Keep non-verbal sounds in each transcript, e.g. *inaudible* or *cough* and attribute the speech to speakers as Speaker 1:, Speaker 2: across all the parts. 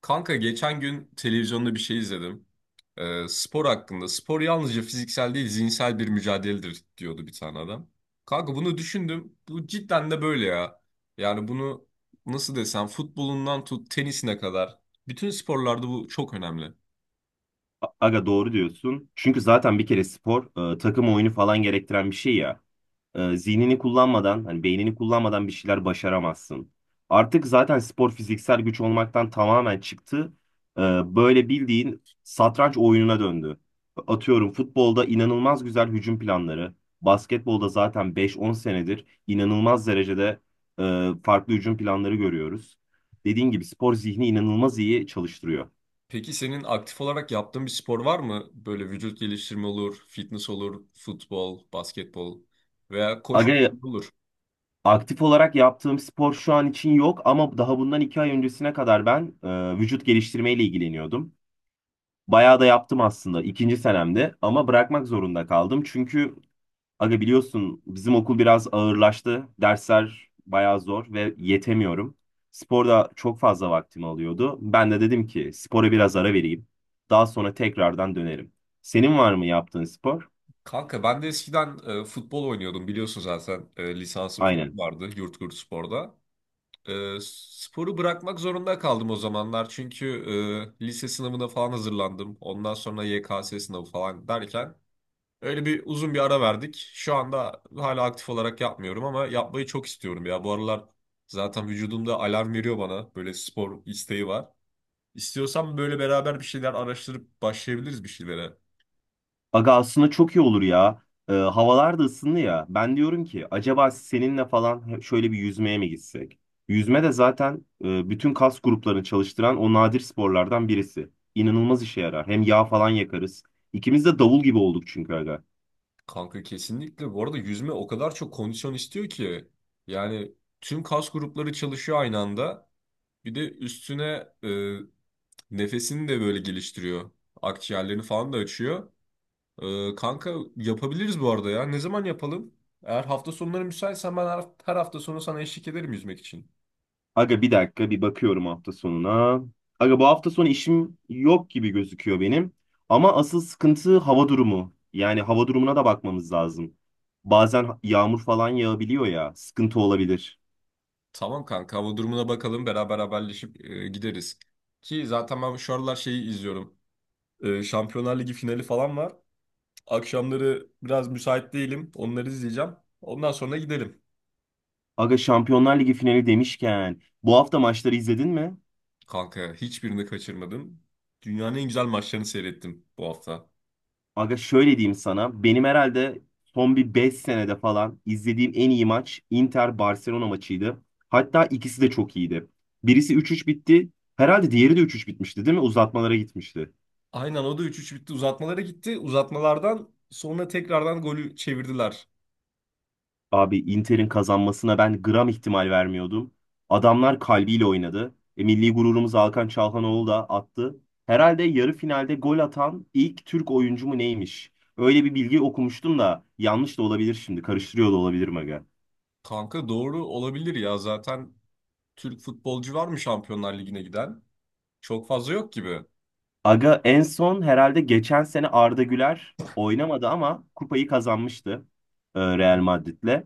Speaker 1: Kanka geçen gün televizyonda bir şey izledim. Spor hakkında. Spor yalnızca fiziksel değil zihinsel bir mücadeledir diyordu bir tane adam. Kanka bunu düşündüm. Bu cidden de böyle ya. Yani bunu nasıl desem futbolundan tut tenisine kadar. Bütün sporlarda bu çok önemli.
Speaker 2: Aga doğru diyorsun. Çünkü zaten bir kere spor takım oyunu falan gerektiren bir şey ya. Zihnini kullanmadan, hani beynini kullanmadan bir şeyler başaramazsın. Artık zaten spor fiziksel güç olmaktan tamamen çıktı. E, Böyle bildiğin satranç oyununa döndü. Atıyorum futbolda inanılmaz güzel hücum planları, basketbolda zaten 5-10 senedir inanılmaz derecede farklı hücum planları görüyoruz. Dediğin gibi spor zihni inanılmaz iyi çalıştırıyor.
Speaker 1: Peki senin aktif olarak yaptığın bir spor var mı? Böyle vücut geliştirme olur, fitness olur, futbol, basketbol veya koşma
Speaker 2: Aga
Speaker 1: olur.
Speaker 2: aktif olarak yaptığım spor şu an için yok ama daha bundan 2 ay öncesine kadar ben vücut geliştirmeyle ilgileniyordum. Bayağı da yaptım aslında ikinci senemde ama bırakmak zorunda kaldım. Çünkü aga biliyorsun bizim okul biraz ağırlaştı. Dersler bayağı zor ve yetemiyorum. Sporda çok fazla vaktimi alıyordu. Ben de dedim ki spora biraz ara vereyim. Daha sonra tekrardan dönerim. Senin var mı yaptığın spor?
Speaker 1: Kanka ben de eskiden futbol oynuyordum biliyorsun zaten lisansım falan
Speaker 2: Aynen.
Speaker 1: vardı Yurtgurt Spor'da. Sporu bırakmak zorunda kaldım o zamanlar çünkü lise sınavına falan hazırlandım. Ondan sonra YKS sınavı falan derken öyle bir uzun bir ara verdik. Şu anda hala aktif olarak yapmıyorum ama yapmayı çok istiyorum ya. Bu aralar zaten vücudumda alarm veriyor bana böyle spor isteği var. İstiyorsan böyle beraber bir şeyler araştırıp başlayabiliriz bir şeylere.
Speaker 2: Aga aslında çok iyi olur ya. Havalar da ısındı ya. Ben diyorum ki acaba seninle falan şöyle bir yüzmeye mi gitsek? Yüzme de zaten bütün kas gruplarını çalıştıran o nadir sporlardan birisi. İnanılmaz işe yarar. Hem yağ falan yakarız. İkimiz de davul gibi olduk çünkü aga.
Speaker 1: Kanka kesinlikle. Bu arada yüzme o kadar çok kondisyon istiyor ki. Yani tüm kas grupları çalışıyor aynı anda. Bir de üstüne nefesini de böyle geliştiriyor. Akciğerlerini falan da açıyor. Kanka yapabiliriz bu arada ya. Ne zaman yapalım? Eğer hafta sonları müsaitsen ben her hafta sonu sana eşlik ederim yüzmek için.
Speaker 2: Aga bir dakika bir bakıyorum hafta sonuna. Aga bu hafta sonu işim yok gibi gözüküyor benim. Ama asıl sıkıntı hava durumu. Yani hava durumuna da bakmamız lazım. Bazen yağmur falan yağabiliyor ya. Sıkıntı olabilir.
Speaker 1: Tamam kanka hava durumuna bakalım. Beraber haberleşip gideriz. Ki zaten ben şu aralar şeyi izliyorum. Şampiyonlar Ligi finali falan var. Akşamları biraz müsait değilim. Onları izleyeceğim. Ondan sonra gidelim.
Speaker 2: Aga Şampiyonlar Ligi finali demişken bu hafta maçları izledin mi?
Speaker 1: Kanka hiçbirini kaçırmadım. Dünyanın en güzel maçlarını seyrettim bu hafta.
Speaker 2: Aga şöyle diyeyim sana. Benim herhalde son bir 5 senede falan izlediğim en iyi maç Inter-Barcelona maçıydı. Hatta ikisi de çok iyiydi. Birisi 3-3 bitti. Herhalde diğeri de 3-3 bitmişti değil mi? Uzatmalara gitmişti.
Speaker 1: Aynen o da üç üç bitti. Uzatmalara gitti. Uzatmalardan sonra tekrardan golü çevirdiler.
Speaker 2: Abi Inter'in kazanmasına ben gram ihtimal vermiyordum. Adamlar kalbiyle oynadı. Milli gururumuz Hakan Çalhanoğlu da attı. Herhalde yarı finalde gol atan ilk Türk oyuncu mu neymiş? Öyle bir bilgi okumuştum da yanlış da olabilir şimdi. Karıştırıyor da olabilirim aga.
Speaker 1: Kanka doğru olabilir ya. Zaten Türk futbolcu var mı Şampiyonlar Ligi'ne giden? Çok fazla yok gibi. Hı
Speaker 2: Aga en son herhalde geçen sene Arda Güler oynamadı ama kupayı kazanmıştı Real
Speaker 1: hı.
Speaker 2: Madrid'le.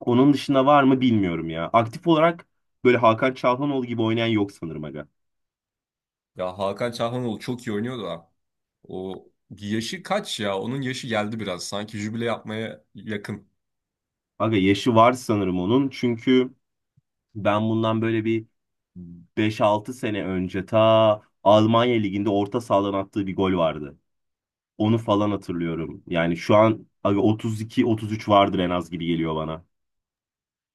Speaker 2: Onun dışında var mı bilmiyorum ya. Aktif olarak böyle Hakan Çalhanoğlu gibi oynayan yok sanırım aga.
Speaker 1: Ya Hakan Çalhanoğlu çok iyi oynuyor da. O yaşı kaç ya? Onun yaşı geldi biraz. Sanki jübile yapmaya yakın.
Speaker 2: Aga yaşı var sanırım onun. Çünkü ben bundan böyle bir 5-6 sene önce ta Almanya Ligi'nde orta sahadan attığı bir gol vardı. Onu falan hatırlıyorum. Yani şu an aga 32-33 vardır en az gibi geliyor bana.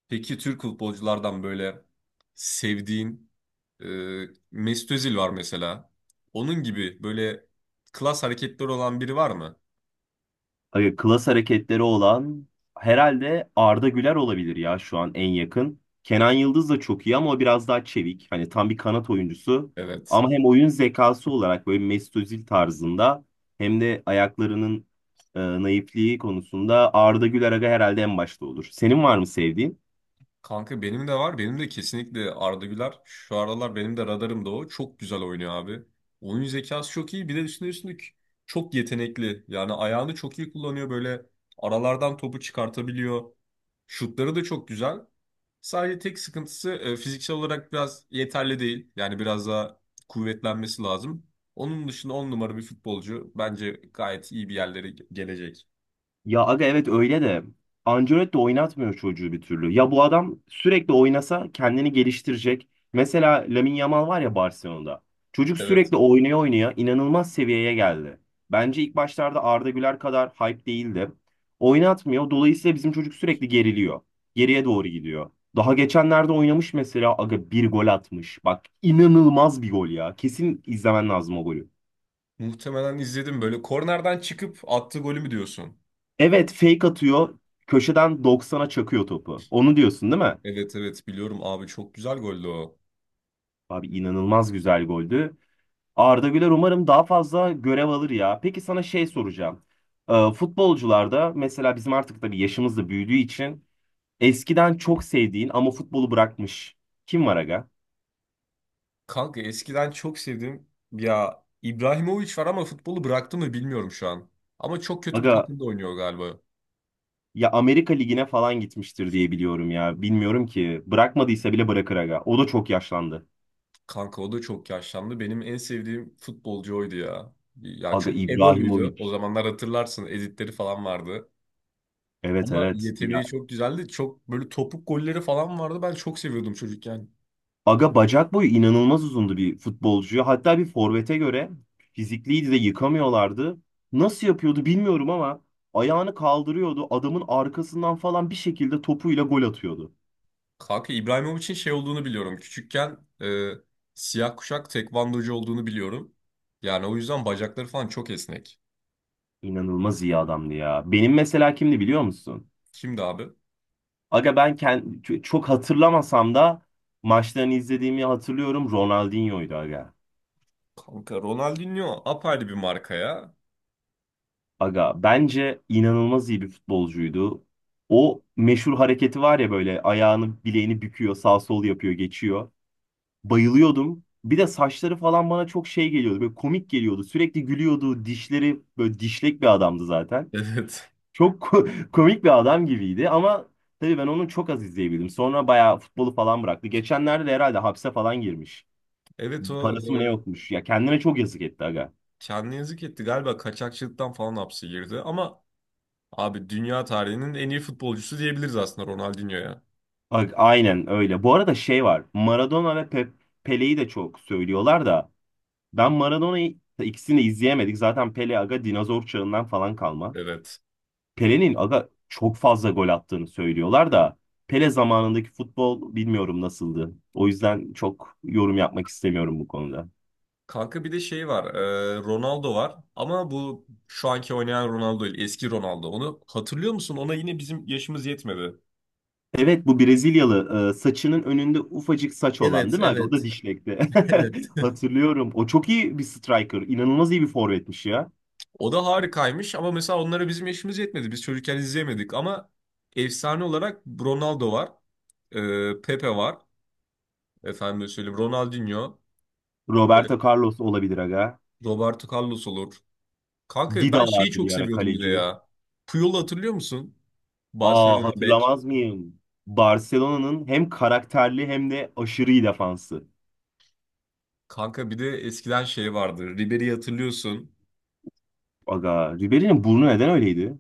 Speaker 1: Peki Türk futbolculardan böyle sevdiğin, e, Mesut Özil var mesela. Onun gibi böyle klas hareketleri olan biri var mı?
Speaker 2: Klas hareketleri olan herhalde Arda Güler olabilir ya şu an en yakın. Kenan Yıldız da çok iyi ama o biraz daha çevik. Hani tam bir kanat oyuncusu.
Speaker 1: Evet.
Speaker 2: Ama hem oyun zekası olarak böyle Mesut Özil tarzında hem de ayaklarının naifliği konusunda Arda Güler aga herhalde en başta olur. Senin var mı sevdiğin?
Speaker 1: Kanka benim de var. Benim de kesinlikle Arda Güler. Şu aralar benim de radarımda o. Çok güzel oynuyor abi. Oyun zekası çok iyi. Bir de üstüne üstlük çok yetenekli. Yani ayağını çok iyi kullanıyor. Böyle aralardan topu çıkartabiliyor. Şutları da çok güzel. Sadece tek sıkıntısı fiziksel olarak biraz yeterli değil. Yani biraz daha kuvvetlenmesi lazım. Onun dışında on numara bir futbolcu. Bence gayet iyi bir yerlere gelecek.
Speaker 2: Ya aga evet öyle de Ancelotti oynatmıyor çocuğu bir türlü. Ya bu adam sürekli oynasa kendini geliştirecek. Mesela Lamine Yamal var ya Barcelona'da. Çocuk
Speaker 1: Evet.
Speaker 2: sürekli oynaya oynaya inanılmaz seviyeye geldi. Bence ilk başlarda Arda Güler kadar hype değildi. Oynatmıyor. Dolayısıyla bizim çocuk sürekli geriliyor. Geriye doğru gidiyor. Daha geçenlerde oynamış mesela aga bir gol atmış. Bak inanılmaz bir gol ya. Kesin izlemen lazım o golü.
Speaker 1: Muhtemelen izledim. Böyle kornerden çıkıp attığı golü mü diyorsun?
Speaker 2: Evet fake atıyor. Köşeden 90'a çakıyor topu. Onu diyorsun değil mi?
Speaker 1: Evet, evet, biliyorum abi çok güzel goldü o.
Speaker 2: Abi inanılmaz güzel goldü. Arda Güler umarım daha fazla görev alır ya. Peki sana şey soracağım. Futbolcularda mesela bizim artık tabii yaşımız da büyüdüğü için eskiden çok sevdiğin ama futbolu bırakmış. Kim var aga?
Speaker 1: Kanka eskiden çok sevdim. Ya İbrahimovic var ama futbolu bıraktı mı bilmiyorum şu an. Ama çok kötü bir
Speaker 2: Aga
Speaker 1: takımda oynuyor galiba.
Speaker 2: ya Amerika Ligi'ne falan gitmiştir diye biliyorum ya. Bilmiyorum ki. Bırakmadıysa bile bırakır aga. O da çok yaşlandı.
Speaker 1: Kanka o da çok yaşlandı. Benim en sevdiğim futbolcu oydu ya. Ya
Speaker 2: Aga
Speaker 1: çok egoluydu. O
Speaker 2: İbrahimovic.
Speaker 1: zamanlar hatırlarsın editleri falan vardı.
Speaker 2: Evet,
Speaker 1: Ama
Speaker 2: evet.
Speaker 1: yeteneği çok güzeldi. Çok böyle topuk golleri falan vardı. Ben çok seviyordum çocukken.
Speaker 2: Aga bacak boyu inanılmaz uzundu bir futbolcuya. Hatta bir forvete göre fizikliydi de yıkamıyorlardı. Nasıl yapıyordu bilmiyorum ama ayağını kaldırıyordu. Adamın arkasından falan bir şekilde topuyla gol atıyordu.
Speaker 1: Kanka İbrahimovic'in şey olduğunu biliyorum. Küçükken siyah kuşak tekvandocu olduğunu biliyorum. Yani o yüzden bacakları falan çok esnek.
Speaker 2: İnanılmaz iyi adamdı ya. Benim mesela kimdi biliyor musun?
Speaker 1: Kimdi abi?
Speaker 2: Aga ben çok hatırlamasam da maçlarını izlediğimi hatırlıyorum. Ronaldinho'ydu aga.
Speaker 1: Kanka Ronaldinho apayrı bir marka ya.
Speaker 2: Aga bence inanılmaz iyi bir futbolcuydu. O meşhur hareketi var ya böyle ayağını bileğini büküyor, sağ sol yapıyor, geçiyor. Bayılıyordum. Bir de saçları falan bana çok şey geliyordu. Böyle komik geliyordu. Sürekli gülüyordu. Dişleri böyle dişlek bir adamdı zaten.
Speaker 1: Evet.
Speaker 2: Çok *laughs* komik bir adam gibiydi ama tabii ben onu çok az izleyebildim. Sonra bayağı futbolu falan bıraktı. Geçenlerde de herhalde hapse falan girmiş.
Speaker 1: Evet o
Speaker 2: Parası mı ne yokmuş. Ya kendine çok yazık etti aga.
Speaker 1: kendine yazık etti. Galiba kaçakçılıktan falan hapse girdi. Ama abi dünya tarihinin en iyi futbolcusu diyebiliriz aslında Ronaldinho'ya.
Speaker 2: Bak aynen öyle. Bu arada şey var. Maradona ve Pele'yi de çok söylüyorlar da ben Maradona'yı ikisini de izleyemedik. Zaten Pele aga dinozor çağından falan kalma.
Speaker 1: Evet.
Speaker 2: Pele'nin aga çok fazla gol attığını söylüyorlar da Pele zamanındaki futbol bilmiyorum nasıldı. O yüzden çok yorum yapmak istemiyorum bu konuda.
Speaker 1: Kanka bir de şey var. Ronaldo var. Ama bu şu anki oynayan Ronaldo değil. Eski Ronaldo. Onu hatırlıyor musun? Ona yine bizim yaşımız yetmedi.
Speaker 2: Evet bu Brezilyalı saçının önünde ufacık saç olan
Speaker 1: Evet,
Speaker 2: değil mi abi? O da
Speaker 1: evet,
Speaker 2: dişlekti.
Speaker 1: *laughs* evet.
Speaker 2: *laughs* Hatırlıyorum. O çok iyi bir striker. İnanılmaz iyi bir forvetmiş ya.
Speaker 1: O da harikaymış ama mesela onlara bizim yaşımız yetmedi. Biz çocukken izleyemedik ama efsane olarak Ronaldo var. Pepe var. Efendim söyleyeyim Ronaldinho. e,
Speaker 2: Roberto Carlos olabilir aga.
Speaker 1: Roberto Carlos olur. Kanka
Speaker 2: Dida
Speaker 1: ben şeyi
Speaker 2: vardı
Speaker 1: çok
Speaker 2: bir ara
Speaker 1: seviyordum bir de
Speaker 2: kaleci.
Speaker 1: ya. Puyol'u hatırlıyor musun?
Speaker 2: Aa
Speaker 1: Barcelona bek.
Speaker 2: hatırlamaz mıyım? Barcelona'nın hem karakterli hem de aşırı iyi defansı.
Speaker 1: Kanka bir de eskiden şey vardı. Ribery'i hatırlıyorsun.
Speaker 2: Aga Ribery'nin burnu neden öyleydi?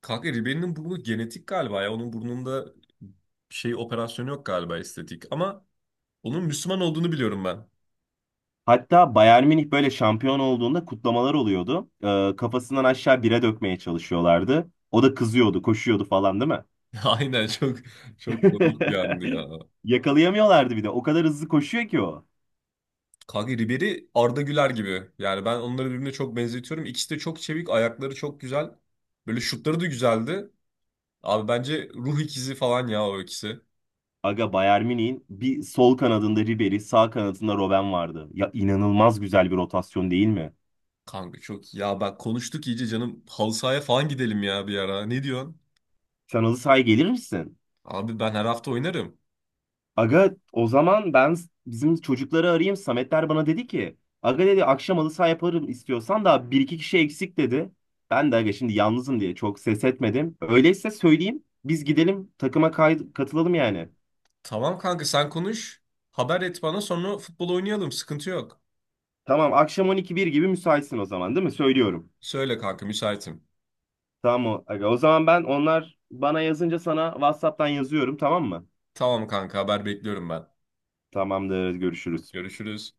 Speaker 1: Kanka Ribery'nin burnu genetik galiba ya. Onun burnunda şey operasyonu yok galiba estetik. Ama onun Müslüman olduğunu biliyorum ben.
Speaker 2: Hatta Bayern Münih böyle şampiyon olduğunda kutlamalar oluyordu. Kafasından aşağı bire dökmeye çalışıyorlardı. O da kızıyordu, koşuyordu falan değil mi?
Speaker 1: *laughs* Aynen çok komik bir andı ya.
Speaker 2: *laughs* Yakalayamıyorlardı bir de. O kadar hızlı koşuyor ki o.
Speaker 1: Kanka Ribery Arda Güler gibi. Yani ben onları birbirine çok benzetiyorum. İkisi de çok çevik, ayakları çok güzel. Böyle şutları da güzeldi. Abi bence ruh ikizi falan ya o ikisi.
Speaker 2: Aga Bayern Münih'in bir sol kanadında Ribery, sağ kanadında Robben vardı. Ya inanılmaz güzel bir rotasyon değil mi?
Speaker 1: Kanka çok ya bak konuştuk iyice canım halı sahaya falan gidelim ya bir ara. Ne diyorsun?
Speaker 2: Sen halı sahaya gelir misin?
Speaker 1: Abi ben her hafta oynarım.
Speaker 2: Aga o zaman ben bizim çocukları arayayım. Sametler bana dedi ki aga dedi akşam halı saha yaparım istiyorsan da bir iki kişi eksik dedi. Ben de aga şimdi yalnızım diye çok ses etmedim. Öyleyse söyleyeyim biz gidelim takıma katılalım yani.
Speaker 1: Tamam kanka sen konuş. Haber et bana sonra futbol oynayalım. Sıkıntı yok.
Speaker 2: Tamam akşam 12-1 gibi müsaitsin o zaman değil mi? Söylüyorum.
Speaker 1: Söyle kanka müsaitim.
Speaker 2: Tamam aga o zaman ben onlar bana yazınca sana WhatsApp'tan yazıyorum tamam mı?
Speaker 1: Tamam kanka haber bekliyorum ben.
Speaker 2: Tamamdır görüşürüz.
Speaker 1: Görüşürüz.